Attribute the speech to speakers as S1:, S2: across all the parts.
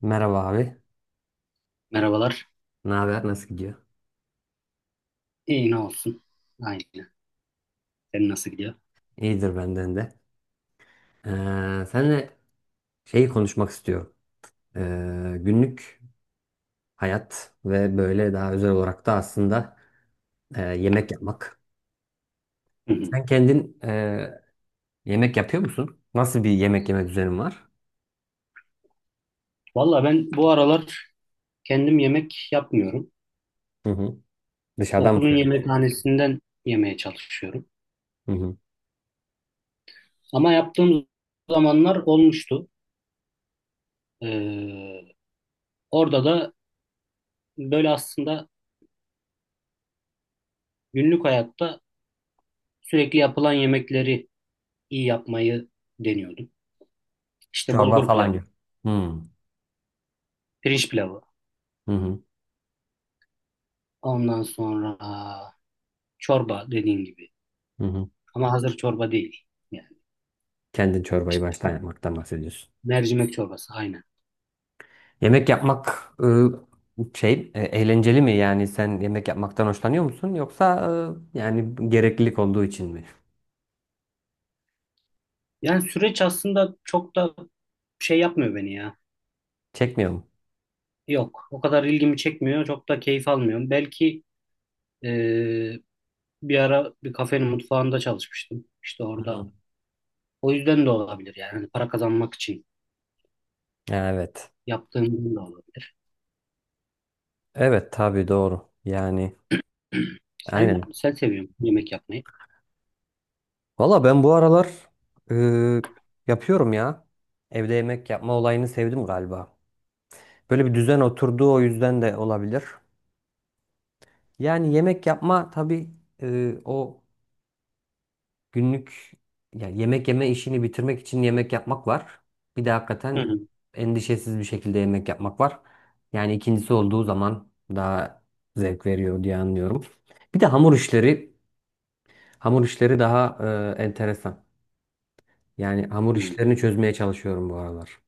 S1: Merhaba abi.
S2: Merhabalar.
S1: Ne haber? Nasıl gidiyor?
S2: İyi ne olsun. Aynen. Senin nasıl gidiyor?
S1: İyidir benden de. Seninle şeyi konuşmak istiyorum. Günlük hayat ve böyle daha özel olarak da aslında yemek yapmak.
S2: Hı hı.
S1: Sen kendin yemek yapıyor musun? Nasıl bir yemek yeme düzenin var?
S2: Valla ben bu aralar kendim yemek yapmıyorum.
S1: Hı hı. Dışarıdan mı
S2: Okulun
S1: söylüyorsun?
S2: yemekhanesinden yemeye çalışıyorum.
S1: Hı hı.
S2: Ama yaptığım zamanlar olmuştu. Ee, Orada da böyle aslında günlük hayatta sürekli yapılan yemekleri iyi yapmayı deniyordum. İşte
S1: Çorba
S2: bulgur
S1: falan
S2: pilavı,
S1: gibi. Hı hı.
S2: pirinç pilavı,
S1: Hı hı.
S2: ondan sonra çorba dediğin gibi.
S1: Hı hı.
S2: Ama hazır çorba değil. Yani
S1: Kendin çorbayı
S2: işte
S1: baştan yapmaktan bahsediyorsun.
S2: mercimek çorbası aynen.
S1: Yemek yapmak, şey, eğlenceli mi? Yani sen yemek yapmaktan hoşlanıyor musun? Yoksa yani gereklilik olduğu için mi?
S2: Yani süreç aslında çok da şey yapmıyor beni ya.
S1: Çekmiyor mu?
S2: Yok, o kadar ilgimi çekmiyor, çok da keyif almıyorum. Belki eee, bir ara bir kafenin mutfağında çalışmıştım. İşte orada.
S1: Hı.
S2: O yüzden de olabilir yani. Hani para kazanmak için
S1: Ya, evet.
S2: yaptığım da olabilir.
S1: Evet, tabii doğru. Yani
S2: Sen,
S1: aynen.
S2: sen seviyorsun yemek yapmayı.
S1: Valla ben bu aralar e, yapıyorum ya. Evde yemek yapma olayını sevdim galiba. Böyle bir düzen oturduğu o yüzden de olabilir. Yani yemek yapma tabii, o günlük, yani yemek yeme işini bitirmek için yemek yapmak var. Bir de
S2: Hı
S1: hakikaten
S2: hı.
S1: endişesiz bir şekilde yemek yapmak var. Yani ikincisi olduğu zaman daha zevk veriyor diye anlıyorum. Bir de hamur işleri, hamur işleri daha enteresan. Yani hamur
S2: Hı.
S1: işlerini çözmeye çalışıyorum bu aralar.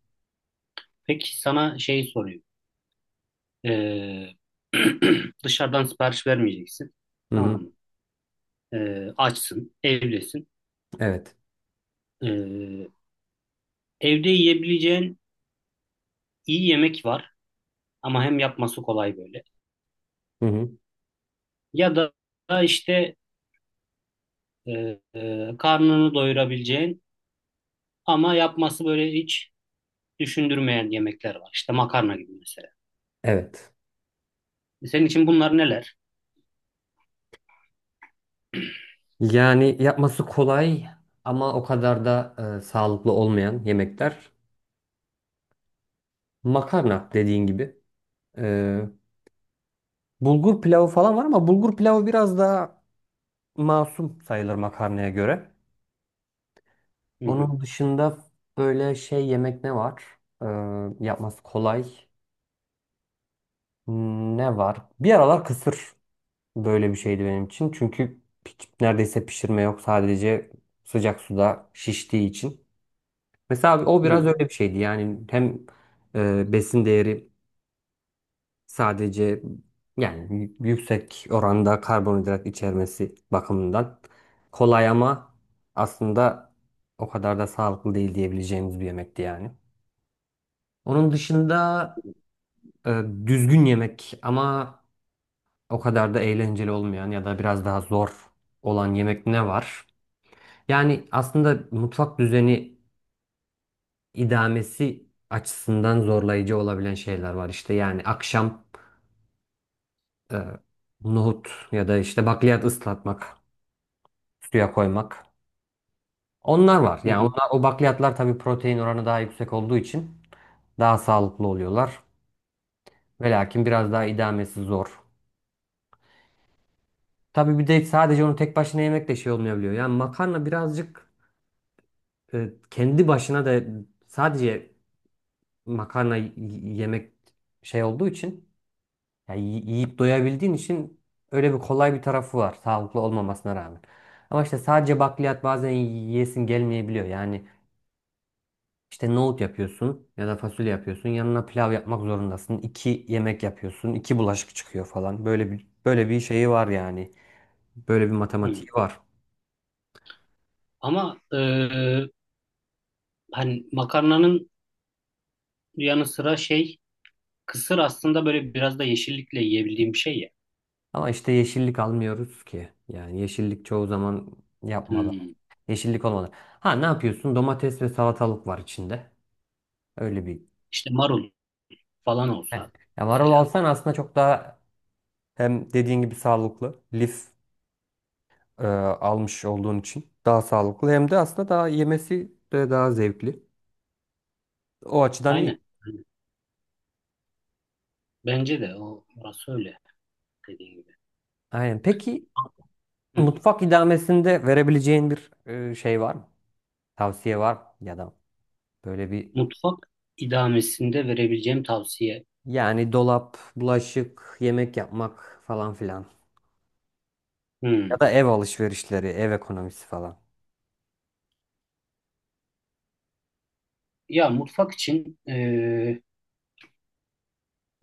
S2: Peki sana şey sorayım. Eee, dışarıdan sipariş vermeyeceksin.
S1: Hı
S2: Tamam
S1: hı.
S2: mı? Açsın, evdesin.
S1: Evet.
S2: Eee, Evde yiyebileceğin iyi yemek var. Ama hem yapması kolay böyle.
S1: Hı hı.
S2: Ya da işte e, karnını doyurabileceğin ama yapması böyle hiç düşündürmeyen yemekler var. İşte makarna gibi mesela.
S1: Evet.
S2: Senin için bunlar neler?
S1: Yani yapması kolay ama o kadar da sağlıklı olmayan yemekler. Makarna dediğin gibi. e, Bulgur pilavı falan var ama bulgur pilavı biraz daha masum sayılır makarnaya göre.
S2: Hı hı,
S1: Onun dışında böyle şey yemek ne var? Ee, yapması kolay. Ne var? Bir aralar kısır böyle bir şeydi benim için. Çünkü hiç neredeyse pişirme yok. Sadece sıcak suda şiştiği için. Mesela o
S2: hı
S1: biraz öyle bir şeydi. Yani hem besin değeri, sadece yani yüksek oranda karbonhidrat içermesi bakımından kolay ama aslında o kadar da sağlıklı değil diyebileceğimiz bir yemekti yani. Onun dışında düzgün yemek ama o kadar da eğlenceli olmayan ya da biraz daha zor olan yemek ne var? Yani aslında mutfak düzeni idamesi açısından zorlayıcı olabilen şeyler var. İşte yani akşam e, nohut ya da işte bakliyat ıslatmak, suya koymak. Onlar var. Yani
S2: hı,
S1: onlar, o bakliyatlar tabii protein oranı daha yüksek olduğu için daha sağlıklı oluyorlar. Ve lakin biraz daha idamesi zor. Tabii bir de sadece onu tek başına yemek de şey olmayabiliyor. Yani makarna birazcık kendi başına da sadece makarna yemek şey olduğu için yani yiyip doyabildiğin için öyle bir kolay bir tarafı var sağlıklı olmamasına rağmen. Ama işte sadece bakliyat bazen yiyesin gelmeyebiliyor. Yani İşte nohut yapıyorsun ya da fasulye yapıyorsun. Yanına pilav yapmak zorundasın. İki yemek yapıyorsun, iki bulaşık çıkıyor falan. Böyle bir şeyi var yani. Böyle bir
S2: hı
S1: matematiği
S2: hı.
S1: var.
S2: Ama hani makarnanın yanı sıra şey kısır aslında böyle biraz da yeşillikle yiyebildiğim bir şey ya.
S1: Ama işte yeşillik almıyoruz ki. Yani yeşillik çoğu zaman yapmadan.
S2: Hı.
S1: Yeşillik olmadan. Ha, ne yapıyorsun? Domates ve salatalık var içinde. Öyle bir.
S2: İşte marul falan
S1: Yani,
S2: olsa
S1: ya marul
S2: mesela.
S1: alsan aslında çok daha, hem dediğin gibi sağlıklı. Lif almış olduğun için daha sağlıklı, hem de aslında daha yemesi de daha zevkli. O açıdan iyi.
S2: Aynen. Aynen. Bence de o orası öyle dediğin gibi.
S1: Aynen. Peki
S2: Hı.
S1: mutfak idamesinde verebileceğin bir şey var mı? Tavsiye var mı? Ya da böyle bir,
S2: Mutfak idamesinde verebileceğim tavsiye.
S1: yani dolap, bulaşık, yemek yapmak falan filan. Ya
S2: Hı.
S1: da ev alışverişleri, ev ekonomisi falan.
S2: Ya mutfak için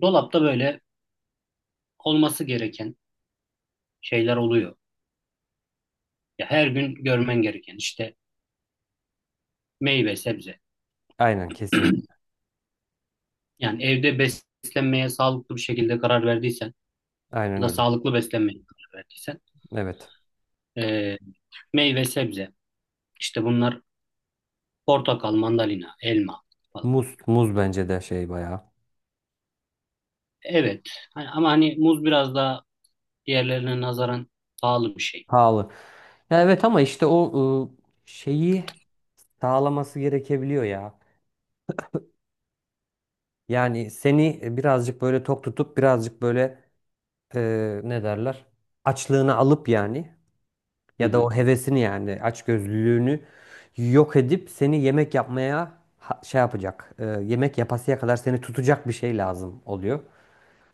S2: dolapta böyle olması gereken şeyler oluyor. Ya her gün görmen gereken işte meyve, sebze.
S1: Aynen, kesinlikle.
S2: Yani evde beslenmeye sağlıklı bir şekilde karar verdiysen
S1: Aynen
S2: ya da
S1: öyle.
S2: sağlıklı beslenmeye karar verdiysen
S1: Evet.
S2: e, meyve, sebze. İşte bunlar portakal, mandalina, elma falan.
S1: Muz, muz bence de şey, bayağı
S2: Evet. Ama hani muz biraz daha diğerlerine nazaran pahalı bir şey.
S1: pahalı. Ya, evet, ama işte o şeyi sağlaması gerekebiliyor ya. Yani seni birazcık böyle tok tutup birazcık böyle, ne derler? Açlığını alıp yani,
S2: Hı
S1: ya da
S2: hı.
S1: o hevesini, yani açgözlülüğünü yok edip seni yemek yapmaya şey yapacak. Yemek yapasıya kadar seni tutacak bir şey lazım oluyor.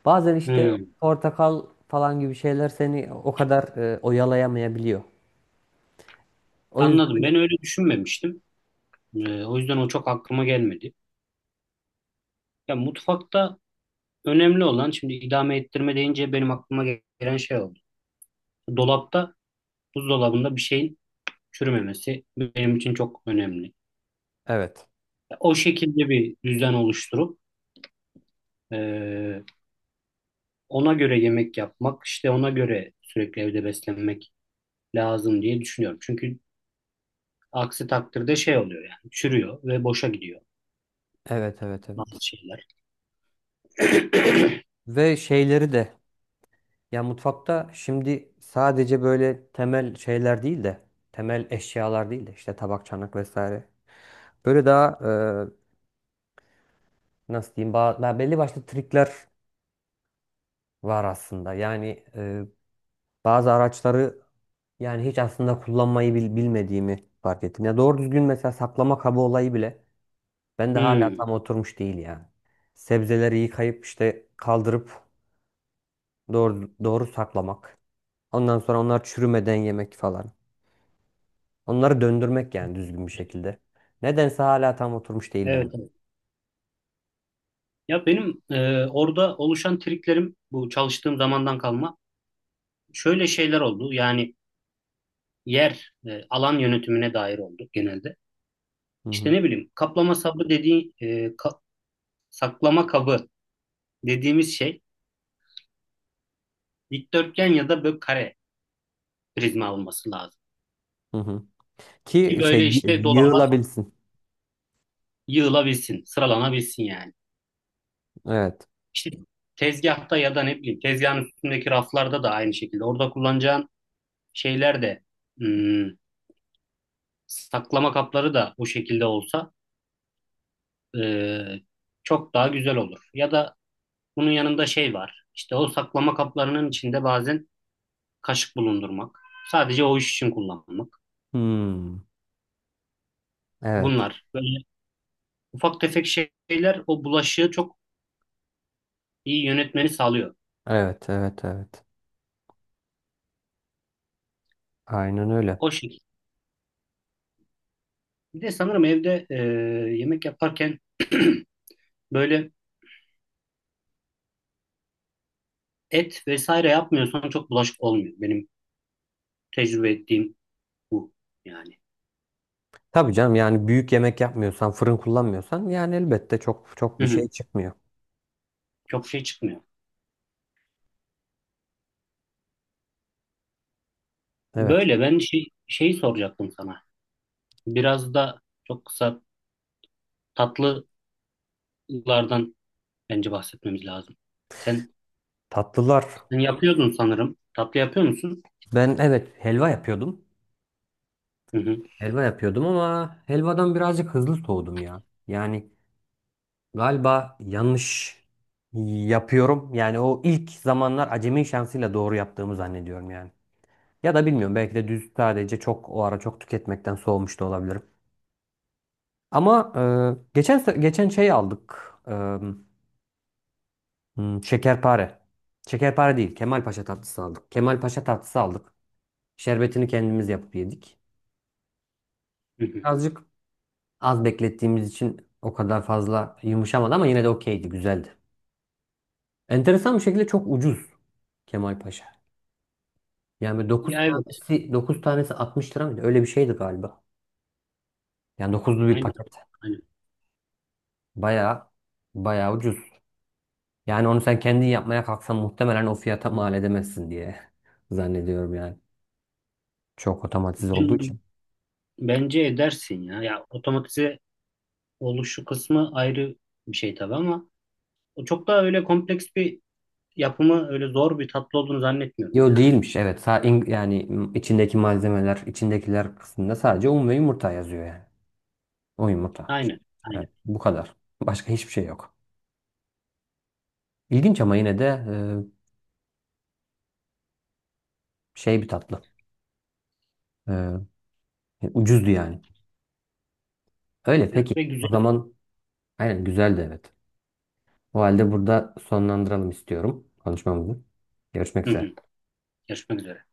S1: Bazen işte
S2: Hı.
S1: portakal falan gibi şeyler seni o kadar oyalayamayabiliyor. O
S2: Anladım.
S1: yüzden
S2: Ben öyle düşünmemiştim. O yüzden o çok aklıma gelmedi. Ya mutfakta önemli olan şimdi idame ettirme deyince benim aklıma gelen şey oldu. Dolapta, buzdolabında bir şeyin çürümemesi benim için çok önemli.
S1: evet.
S2: Ya o şekilde bir düzen oluşturup e, ona göre yemek yapmak, işte ona göre sürekli evde beslenmek lazım diye düşünüyorum. Çünkü aksi takdirde şey oluyor yani çürüyor ve boşa gidiyor
S1: Evet, evet,
S2: bazı
S1: evet.
S2: şeyler.
S1: Ve şeyleri de, ya mutfakta şimdi sadece böyle temel şeyler değil de, temel eşyalar değil de işte tabak, çanak vesaire. Böyle daha, nasıl diyeyim, daha belli başlı trikler var aslında. Yani bazı araçları, yani hiç aslında kullanmayı bilmediğimi fark ettim. Ya doğru düzgün, mesela saklama kabı olayı bile ben de hala
S2: Hmm,
S1: tam oturmuş değil yani. Sebzeleri yıkayıp işte kaldırıp doğru doğru saklamak. Ondan sonra onlar çürümeden yemek falan. Onları döndürmek yani, düzgün bir şekilde. Nedense hala tam oturmuş değil ben.
S2: evet, evet. Ya benim orada oluşan triklerim bu çalıştığım zamandan kalma şöyle şeyler oldu. Yani alan yönetimine dair oldu genelde.
S1: Hı
S2: İşte
S1: hı,
S2: ne bileyim kaplama sabı dediği saklama kabı dediğimiz şey dikdörtgen ya da böyle kare prizma olması lazım.
S1: hı hı.
S2: Ki
S1: Ki şey
S2: böyle işte dolaba
S1: yığılabilsin.
S2: yığılabilsin, sıralanabilsin yani.
S1: Evet.
S2: İşte tezgahta ya da ne bileyim tezgahın üstündeki raflarda da aynı şekilde. Orada kullanacağın şeyler de hmm, saklama kapları da bu şekilde olsa e, çok daha güzel olur. Ya da bunun yanında şey var. İşte o saklama kaplarının içinde bazen kaşık bulundurmak. Sadece o iş için kullanmak.
S1: Hmm. Evet.
S2: Bunlar böyle ufak tefek şeyler o bulaşığı çok iyi yönetmeni sağlıyor.
S1: Evet, evet, evet. Aynen öyle.
S2: O şekilde. Bir de sanırım evde yemek yaparken böyle et vesaire yapmıyorsan çok bulaşık olmuyor. Benim tecrübe ettiğim bu yani.
S1: Tabii canım, yani büyük yemek yapmıyorsan, fırın kullanmıyorsan yani elbette çok çok
S2: Hı
S1: bir şey
S2: hı.
S1: çıkmıyor.
S2: Çok şey çıkmıyor.
S1: Evet.
S2: Böyle ben şeyi soracaktım sana. Biraz da çok kısa tatlılardan bence bahsetmemiz lazım. Sen,
S1: Tatlılar.
S2: sen yapıyordun sanırım. Tatlı yapıyor musun?
S1: Ben evet, helva yapıyordum.
S2: Hı hı.
S1: Helva yapıyordum ama helvadan birazcık hızlı soğudum ya. Yani galiba yanlış yapıyorum. Yani o ilk zamanlar acemi şansıyla doğru yaptığımı zannediyorum yani. Ya da bilmiyorum, belki de düz sadece çok o ara çok tüketmekten soğumuş da olabilirim. Ama geçen geçen şey aldık. Şekerpare. Şekerpare değil. Kemalpaşa tatlısı aldık. Kemalpaşa tatlısı aldık. Şerbetini kendimiz yapıp yedik.
S2: Hı hı.
S1: Azıcık az beklettiğimiz için o kadar fazla yumuşamadı ama yine de okeydi, güzeldi. Enteresan bir şekilde çok ucuz Kemalpaşa. Yani dokuz
S2: Ya evet.
S1: tanesi, 9 tanesi 60 lira mıydı? Öyle bir şeydi galiba. Yani dokuzlu bir
S2: Aynen.
S1: paket.
S2: Aynen.
S1: Bayağı bayağı ucuz. Yani onu sen kendin yapmaya kalksan muhtemelen o fiyata mal edemezsin diye zannediyorum yani. Çok otomatize olduğu
S2: Ben-
S1: için.
S2: Bence edersin ya. Ya otomatize oluşu kısmı ayrı bir şey tabii ama o çok daha öyle kompleks bir yapımı öyle zor bir tatlı olduğunu zannetmiyorum.
S1: Yo, değilmiş, evet. Yani içindeki malzemeler, içindekiler kısmında sadece un ve yumurta yazıyor yani. O yumurta.
S2: Aynen. Aynen.
S1: Evet, bu kadar. Başka hiçbir şey yok. İlginç, ama yine de şey bir tatlı. E, e, Ucuzdu yani. Öyle
S2: Evet,
S1: peki.
S2: ve
S1: O
S2: güzel.
S1: zaman aynen, güzeldi evet. O halde burada sonlandıralım istiyorum konuşmamızı. Görüşmek
S2: Hı
S1: üzere.
S2: hı. Görüşmek üzere.